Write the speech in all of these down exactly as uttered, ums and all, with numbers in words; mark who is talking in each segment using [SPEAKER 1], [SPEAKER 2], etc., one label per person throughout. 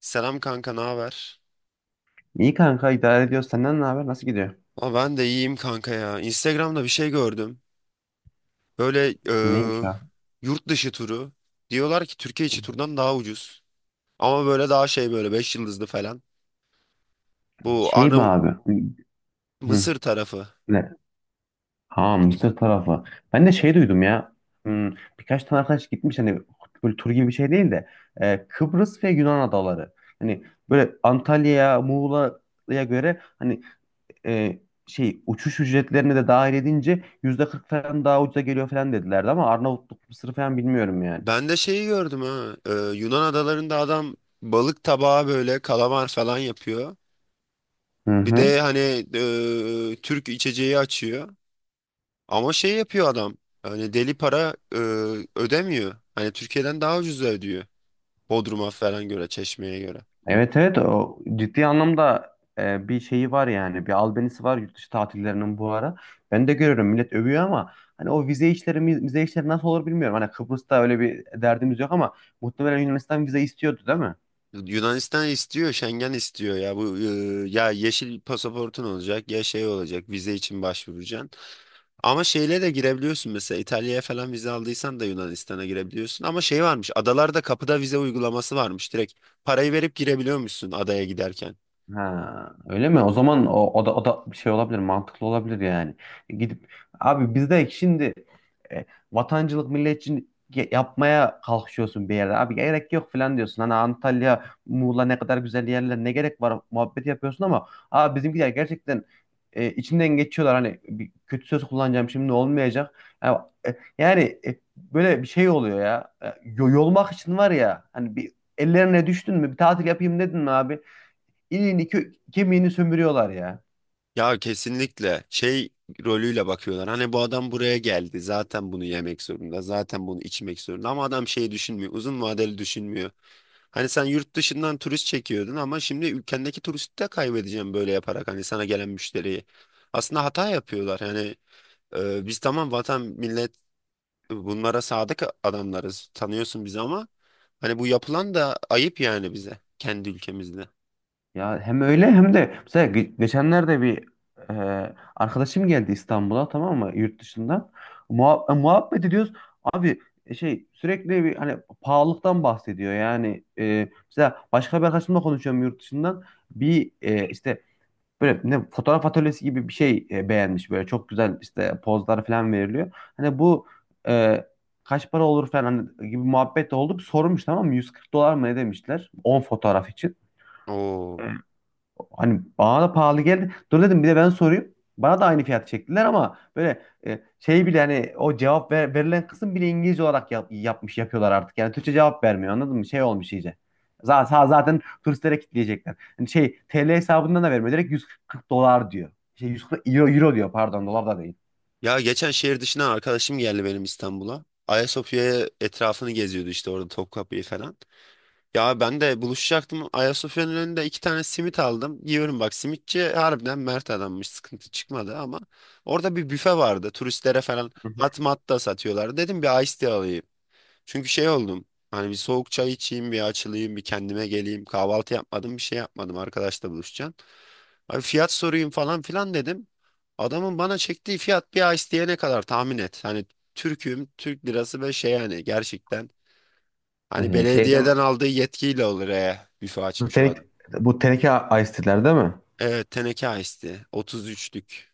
[SPEAKER 1] Selam kanka, ne haber?
[SPEAKER 2] İyi kanka idare ediyoruz. Senden ne haber? Nasıl gidiyor?
[SPEAKER 1] Aa, ben de iyiyim kanka ya. Instagram'da bir şey gördüm. Böyle
[SPEAKER 2] Neymiş
[SPEAKER 1] eee,
[SPEAKER 2] ya?
[SPEAKER 1] yurt dışı turu. Diyorlar ki Türkiye içi turdan daha ucuz. Ama böyle daha şey böyle beş yıldızlı falan. Bu
[SPEAKER 2] Şey mi
[SPEAKER 1] Arnavut
[SPEAKER 2] abi? Hı.
[SPEAKER 1] Mısır tarafı.
[SPEAKER 2] Ne? Ha Mısır tarafı. Ben de şey duydum ya. Hmm, birkaç tane arkadaş gitmiş hani böyle tur gibi bir şey değil de e, Kıbrıs ve Yunan adaları. Hani böyle Antalya'ya, Muğla'ya göre hani e, şey uçuş ücretlerini de dahil edince yüzde kırk falan daha ucuza geliyor falan dedilerdi ama Arnavutluk, Mısır falan bilmiyorum yani.
[SPEAKER 1] Ben de şeyi gördüm ha. Eee, Yunan adalarında adam balık tabağı böyle kalamar falan yapıyor.
[SPEAKER 2] Hı
[SPEAKER 1] Bir
[SPEAKER 2] hı.
[SPEAKER 1] de hani eee, Türk içeceği açıyor. Ama şey yapıyor adam. Hani deli para eee, ödemiyor. Hani Türkiye'den daha ucuz ödüyor. Bodrum'a falan göre, Çeşme'ye göre.
[SPEAKER 2] Evet, evet o ciddi anlamda e, bir şeyi var yani bir albenisi var yurt dışı tatillerinin bu ara. Ben de görüyorum millet övüyor ama hani o vize işleri mi- vize işleri nasıl olur bilmiyorum. Hani Kıbrıs'ta öyle bir derdimiz yok ama muhtemelen Yunanistan vize istiyordu değil mi?
[SPEAKER 1] Yunanistan istiyor, Schengen istiyor ya. Bu e, ya yeşil pasaportun olacak ya şey olacak. Vize için başvuracaksın. Ama şeyle de girebiliyorsun mesela İtalya'ya falan vize aldıysan da Yunanistan'a girebiliyorsun. Ama şey varmış. Adalarda kapıda vize uygulaması varmış. Direkt parayı verip girebiliyormuşsun adaya giderken.
[SPEAKER 2] Ha, öyle mi? O zaman o, o da o da bir şey olabilir, mantıklı olabilir yani. E, Gidip abi biz şimdi e, vatancılık milletçilik yapmaya kalkışıyorsun bir yerde. Abi gerek yok falan diyorsun. Hani Antalya, Muğla ne kadar güzel yerler, ne gerek var muhabbeti yapıyorsun ama abi bizimkiler gerçekten e, içimden geçiyorlar. Hani bir kötü söz kullanacağım, şimdi olmayacak. Ya, e, yani, e, böyle bir şey oluyor ya. E, yo- Yolmak için var ya hani, bir ellerine düştün mü, bir tatil yapayım dedin mi abi? İliğini kö- kemiğini sömürüyorlar ya.
[SPEAKER 1] Ya kesinlikle şey rolüyle bakıyorlar. Hani bu adam buraya geldi. Zaten bunu yemek zorunda. Zaten bunu içmek zorunda. Ama adam şey düşünmüyor. Uzun vadeli düşünmüyor. Hani sen yurt dışından turist çekiyordun ama şimdi ülkendeki turisti de kaybedeceğim böyle yaparak hani sana gelen müşteriyi. Aslında hata yapıyorlar. Yani e, biz tamam vatan millet bunlara sadık adamlarız. Tanıyorsun bizi ama hani bu yapılan da ayıp yani bize kendi ülkemizde.
[SPEAKER 2] Ya hem öyle hem de mesela ge- geçenlerde bir e, arkadaşım geldi İstanbul'a, tamam mı, yurt dışından. Muha- e, muhabbet ediyoruz. Abi e, şey, sürekli bir hani pahalılıktan bahsediyor. Yani e, mesela başka bir arkadaşımla konuşuyorum yurt dışından. Bir e, işte böyle ne fotoğraf atölyesi gibi bir şey e, beğenmiş, böyle çok güzel işte pozlar falan veriliyor. Hani bu e, kaç para olur falan hani gibi muhabbet de oldu. Bir sormuş, tamam mı? yüz kırk dolar mı ne demişler on fotoğraf için.
[SPEAKER 1] Oo.
[SPEAKER 2] Hani bana da pahalı geldi. Dur dedim, bir de ben sorayım. Bana da aynı fiyat çektiler, ama böyle e, şey bile, hani o cevap ver- verilen kısım bile İngilizce olarak yap- yapmış yapıyorlar artık. Yani Türkçe cevap vermiyor, anladın mı? Şey olmuş iyice. Zaten, zaten turistlere kitleyecekler. Hani şey, T L hesabından da vermiyor. Direkt yüz kırk dolar diyor. Şey, 140 euro, euro diyor, pardon, dolar da değil.
[SPEAKER 1] Ya geçen şehir dışına arkadaşım geldi benim İstanbul'a. Ayasofya'ya etrafını geziyordu işte orada Topkapı'yı falan. Ya ben de buluşacaktım. Ayasofya'nın önünde iki tane simit aldım. Yiyorum bak simitçi harbiden mert adammış. Sıkıntı çıkmadı ama orada bir büfe vardı. Turistlere falan
[SPEAKER 2] Hı hı.
[SPEAKER 1] hat mat da satıyorlar. Dedim bir iced tea alayım. Çünkü şey oldum. Hani bir soğuk çay içeyim, bir açılayım, bir kendime geleyim. Kahvaltı yapmadım, bir şey yapmadım. Arkadaşla buluşacağım. Abi fiyat sorayım falan filan dedim. Adamın bana çektiği fiyat bir ice diye ne kadar tahmin et. Hani Türk'üm, Türk lirası ve şey yani gerçekten. Hani
[SPEAKER 2] Ee, şey değil mi?
[SPEAKER 1] belediyeden aldığı yetkiyle olur e. Büfe
[SPEAKER 2] Bu
[SPEAKER 1] açmış o
[SPEAKER 2] teneke,
[SPEAKER 1] adam.
[SPEAKER 2] bu teneke ice tea'ler değil mi?
[SPEAKER 1] Evet teneke ice tea. otuz üçlük.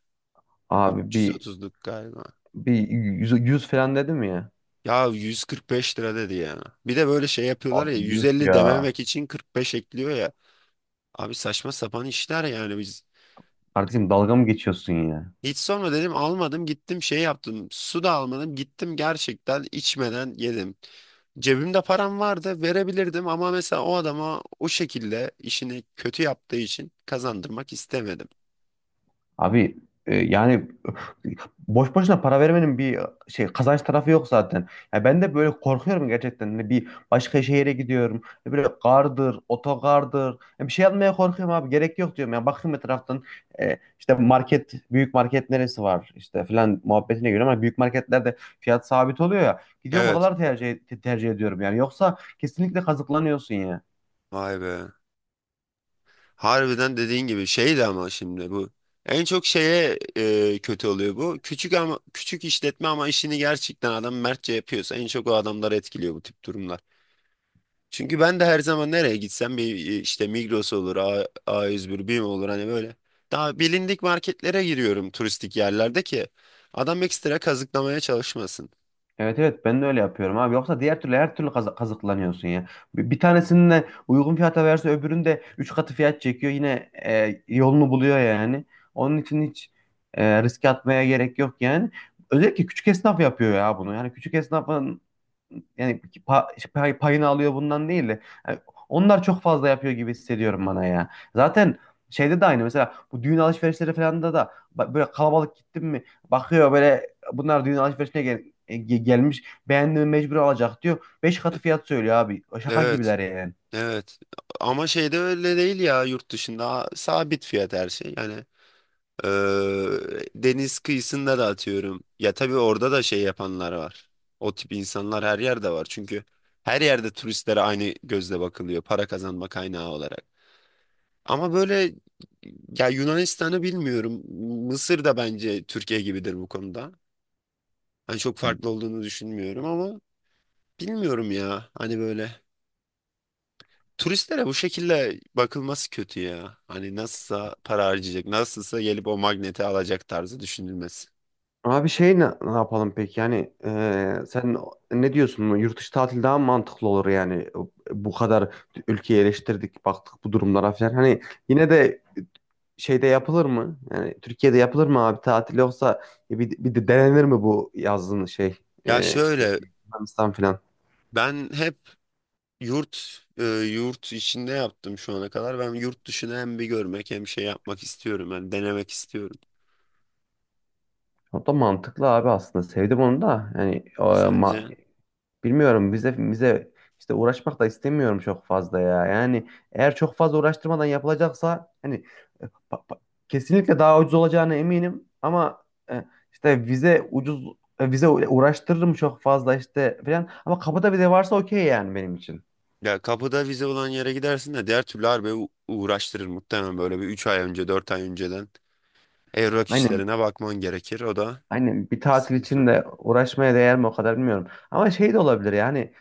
[SPEAKER 2] Abi bir
[SPEAKER 1] üç yüz otuzluk galiba.
[SPEAKER 2] bir yüz, yüz falan dedim ya.
[SPEAKER 1] Ya yüz kırk beş lira dedi ya. Bir de böyle şey yapıyorlar ya
[SPEAKER 2] Abi, yuh
[SPEAKER 1] yüz elli
[SPEAKER 2] ya.
[SPEAKER 1] dememek için kırk beş ekliyor ya. Abi saçma sapan işler yani biz.
[SPEAKER 2] Kardeşim, dalga mı geçiyorsun ya?
[SPEAKER 1] Hiç sonra dedim almadım gittim şey yaptım. Su da almadım gittim gerçekten içmeden yedim. Cebimde param vardı verebilirdim ama mesela o adama o şekilde işini kötü yaptığı için kazandırmak istemedim.
[SPEAKER 2] Abi e, yani, boş boşuna para vermenin bir e, şey kazanç tarafı yok zaten. Ya ben de böyle korkuyorum gerçekten. Hani bir başka şehire gidiyorum. Ya böyle, gardır, otogardır. Ya bir şey almaya korkuyorum abi. Gerek yok diyorum. Ya bakayım etraftan e, işte market, büyük market neresi var işte falan muhabbetine göre, ama büyük marketlerde fiyat sabit oluyor ya. Gidiyorum,
[SPEAKER 1] Evet.
[SPEAKER 2] oraları tercih tercih ediyorum yani. Yoksa kesinlikle kazıklanıyorsun ya.
[SPEAKER 1] Vay be. Harbiden dediğin gibi şeydi ama şimdi bu. En çok şeye e, kötü oluyor bu. Küçük ama küçük işletme ama işini gerçekten adam mertçe yapıyorsa en çok o adamları etkiliyor bu tip durumlar. Çünkü ben de her zaman nereye gitsem bir e, işte Migros olur, A, A101, BİM olur hani böyle. Daha bilindik marketlere giriyorum turistik yerlerde ki adam ekstra kazıklamaya çalışmasın.
[SPEAKER 2] Evet, evet ben de öyle yapıyorum abi. Yoksa diğer türlü her türlü kazı- kazıklanıyorsun ya. Bir, bir tanesini de uygun fiyata verse öbürünü de üç katı fiyat çekiyor. Yine e, yolunu buluyor yani. Onun için hiç e, riske atmaya gerek yok yani. Özellikle küçük esnaf yapıyor ya bunu. Yani küçük esnafın, yani pa- işte pay- payını alıyor bundan değil de, yani onlar çok fazla yapıyor gibi hissediyorum bana ya. Zaten şeyde de aynı, mesela bu düğün alışverişleri falan da da, ba- böyle kalabalık gittim mi bakıyor, böyle bunlar düğün alışverişine gel e, ge- gelmiş, beğendiğimi mecbur alacak diyor. Beş katı fiyat söylüyor abi. Şaka
[SPEAKER 1] Evet,
[SPEAKER 2] gibiler yani.
[SPEAKER 1] evet. Ama şeyde öyle değil ya yurt dışında a- sabit fiyat her şey. Yani eee, deniz kıyısında da atıyorum. Ya tabii orada da şey yapanlar var. O tip insanlar her yerde var. Çünkü her yerde turistlere aynı gözle bakılıyor para kazanma kaynağı olarak. Ama böyle ya Yunanistan'ı bilmiyorum. Mısır da bence Türkiye gibidir bu konuda. Hani çok
[SPEAKER 2] Hı.
[SPEAKER 1] farklı olduğunu düşünmüyorum ama bilmiyorum ya. Hani böyle turistlere bu şekilde bakılması kötü ya. Hani nasılsa para harcayacak, nasılsa gelip o magneti alacak tarzı düşünülmesi.
[SPEAKER 2] Abi şey, ne, ne yapalım peki yani, eee, sen ne diyorsun, yurt dışı tatil daha mı mantıklı olur yani? Bu kadar ülkeyi eleştirdik, baktık bu durumlara falan, hani yine de şeyde yapılır mı? Yani Türkiye'de yapılır mı abi tatil, yoksa e, bir, bir de denenir mi bu yazın, şey
[SPEAKER 1] Ya
[SPEAKER 2] e, işte
[SPEAKER 1] şöyle
[SPEAKER 2] Yunanistan falan.
[SPEAKER 1] ben hep yurt e, yurt içinde yaptım şu ana kadar. Ben yurt dışını hem bir görmek hem şey yapmak istiyorum. Yani denemek istiyorum.
[SPEAKER 2] O da mantıklı abi, aslında sevdim onu da yani, o,
[SPEAKER 1] Sence?
[SPEAKER 2] ma- bilmiyorum, bize bize işte uğraşmak da istemiyorum çok fazla ya. Yani eğer çok fazla uğraştırmadan yapılacaksa, hani pa- pa- kesinlikle daha ucuz olacağına eminim, ama e, işte vize, ucuz e, vize, uğraştırırım çok fazla işte falan, ama kapıda vize varsa okey yani benim için.
[SPEAKER 1] Ya kapıda vize olan yere gidersin de diğer türlü harbi u- uğraştırır muhtemelen böyle bir üç ay önce dört ay önceden evrak
[SPEAKER 2] Aynen.
[SPEAKER 1] işlerine bakman gerekir o da
[SPEAKER 2] Aynen, bir tatil için
[SPEAKER 1] sıkıntı.
[SPEAKER 2] de uğraşmaya değer mi o kadar bilmiyorum. Ama şey de olabilir yani,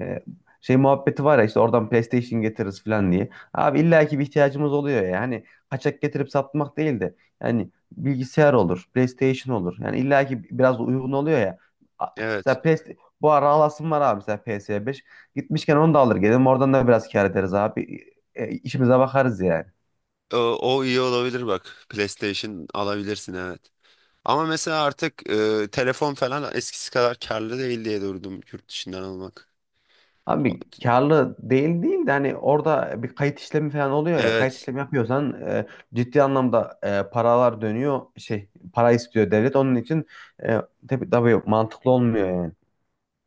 [SPEAKER 2] e, şey muhabbeti var ya, işte oradan PlayStation getiririz falan diye. Abi illaki bir ihtiyacımız oluyor ya. Yani kaçak getirip satmak değil de, yani bilgisayar olur, PlayStation olur. Yani illaki biraz da uygun oluyor ya. A-
[SPEAKER 1] Evet
[SPEAKER 2] Mesela P S, bu ara alasım var abi, mesela P S beş. Gitmişken onu da alır gelirim, oradan da biraz kâr ederiz abi. E, işimize bakarız yani.
[SPEAKER 1] o, o iyi olabilir bak PlayStation alabilirsin evet. Ama mesela artık e, telefon falan eskisi kadar karlı değil diye durdum yurt dışından almak. O-
[SPEAKER 2] Abi karlı değil değil de, hani orada bir kayıt işlemi falan oluyor ya, kayıt
[SPEAKER 1] Evet,
[SPEAKER 2] işlemi yapıyorsan e, ciddi anlamda e, paralar dönüyor, şey, para istiyor devlet onun için, e, tabii, tabii mantıklı olmuyor yani.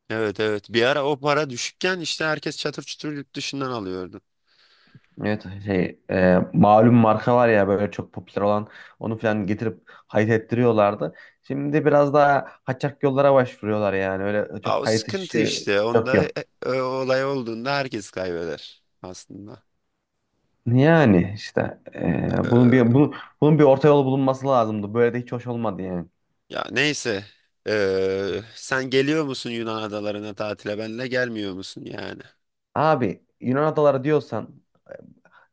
[SPEAKER 1] evet, evet, bir ara o para düşükken işte herkes çatır çutur yurt dışından alıyordu.
[SPEAKER 2] Evet, şey e, malum marka var ya, böyle çok popüler olan, onu falan getirip kayıt ettiriyorlardı. Şimdi biraz daha kaçak yollara başvuruyorlar, yani öyle
[SPEAKER 1] Aa,
[SPEAKER 2] çok
[SPEAKER 1] o
[SPEAKER 2] kayıt
[SPEAKER 1] sıkıntı
[SPEAKER 2] işi
[SPEAKER 1] işte
[SPEAKER 2] çok
[SPEAKER 1] onda e,
[SPEAKER 2] yok.
[SPEAKER 1] e, olay olduğunda herkes kaybeder aslında.
[SPEAKER 2] Yani işte e, bunun bir
[SPEAKER 1] Ee,
[SPEAKER 2] bunun, bunun bir orta yol bulunması lazımdı. Böyle de hiç hoş olmadı yani.
[SPEAKER 1] ya neyse. Ee, sen geliyor musun Yunan adalarına tatile benle gelmiyor musun yani?
[SPEAKER 2] Abi Yunan adaları diyorsan,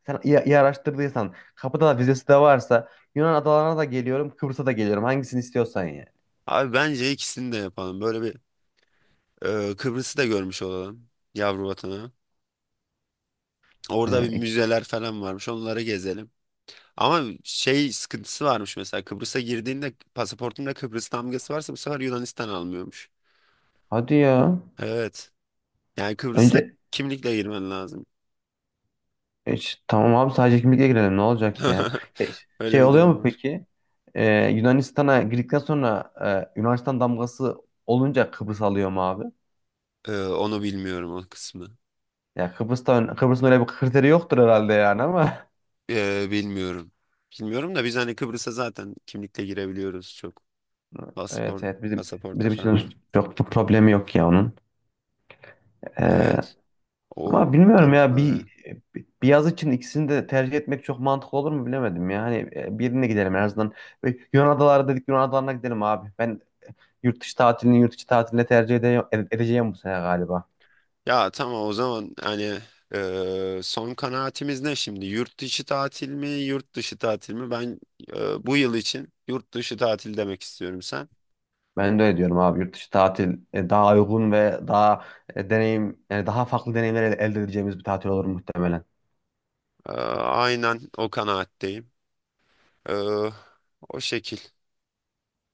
[SPEAKER 2] sen iyi, iyi araştırdıysan, kapıda da vizesi de varsa, Yunan adalarına da geliyorum, Kıbrıs'a da geliyorum, hangisini istiyorsan yani.
[SPEAKER 1] Abi bence ikisini de yapalım. Böyle bir e, Kıbrıs'ı da görmüş olalım. Yavru vatanı. Orada bir
[SPEAKER 2] Ee, ikisi-
[SPEAKER 1] müzeler falan varmış. Onları gezelim. Ama şey sıkıntısı varmış mesela. Kıbrıs'a girdiğinde pasaportunda Kıbrıs damgası varsa bu sefer Yunanistan almıyormuş.
[SPEAKER 2] hadi ya.
[SPEAKER 1] Evet. Yani Kıbrıs'a
[SPEAKER 2] Önce
[SPEAKER 1] kimlikle girmen lazım.
[SPEAKER 2] e, ş- tamam abi, sadece kimlikle girelim, ne olacak ya. E, ş- şey
[SPEAKER 1] Öyle bir
[SPEAKER 2] oluyor
[SPEAKER 1] durum
[SPEAKER 2] mu
[SPEAKER 1] var.
[SPEAKER 2] peki? Ee, Yunanistan'a girdikten sonra, e, Yunanistan damgası olunca Kıbrıs alıyor mu abi?
[SPEAKER 1] Ee, onu bilmiyorum o kısmı.
[SPEAKER 2] Ya Kıbrıs'ta, Kıbrıs'ın öyle bir kriteri yoktur herhalde yani, ama
[SPEAKER 1] Ee, bilmiyorum. Bilmiyorum da biz hani Kıbrıs'a zaten kimlikle girebiliyoruz çok. Paspor,
[SPEAKER 2] evet, evet bizim
[SPEAKER 1] pasaporta
[SPEAKER 2] bizim için
[SPEAKER 1] falan.
[SPEAKER 2] çok bir problemi yok ya onun. Ee,
[SPEAKER 1] Evet. O
[SPEAKER 2] Ama bilmiyorum ya,
[SPEAKER 1] taraftan öyle.
[SPEAKER 2] bir bir yaz için ikisini de tercih etmek çok mantıklı olur mu bilemedim ya. Hani e, birine gidelim en azından. Ve Yunan adaları dedik, Yunan adalarına gidelim abi. Ben yurt dışı tatilini yurt içi tatiline tercih ede- ede- edeceğim bu sene galiba.
[SPEAKER 1] Ya tamam o zaman hani e, son kanaatimiz ne şimdi? Yurt içi tatil mi, yurt dışı tatil mi? Ben e, bu yıl için yurt dışı tatil demek istiyorum sen.
[SPEAKER 2] Ben de öyle diyorum abi. Yurt dışı tatil e, daha uygun ve daha e, deneyim, yani daha farklı deneyimler el- elde edeceğimiz bir tatil olur muhtemelen.
[SPEAKER 1] E, aynen o kanaatteyim. E, o şekil.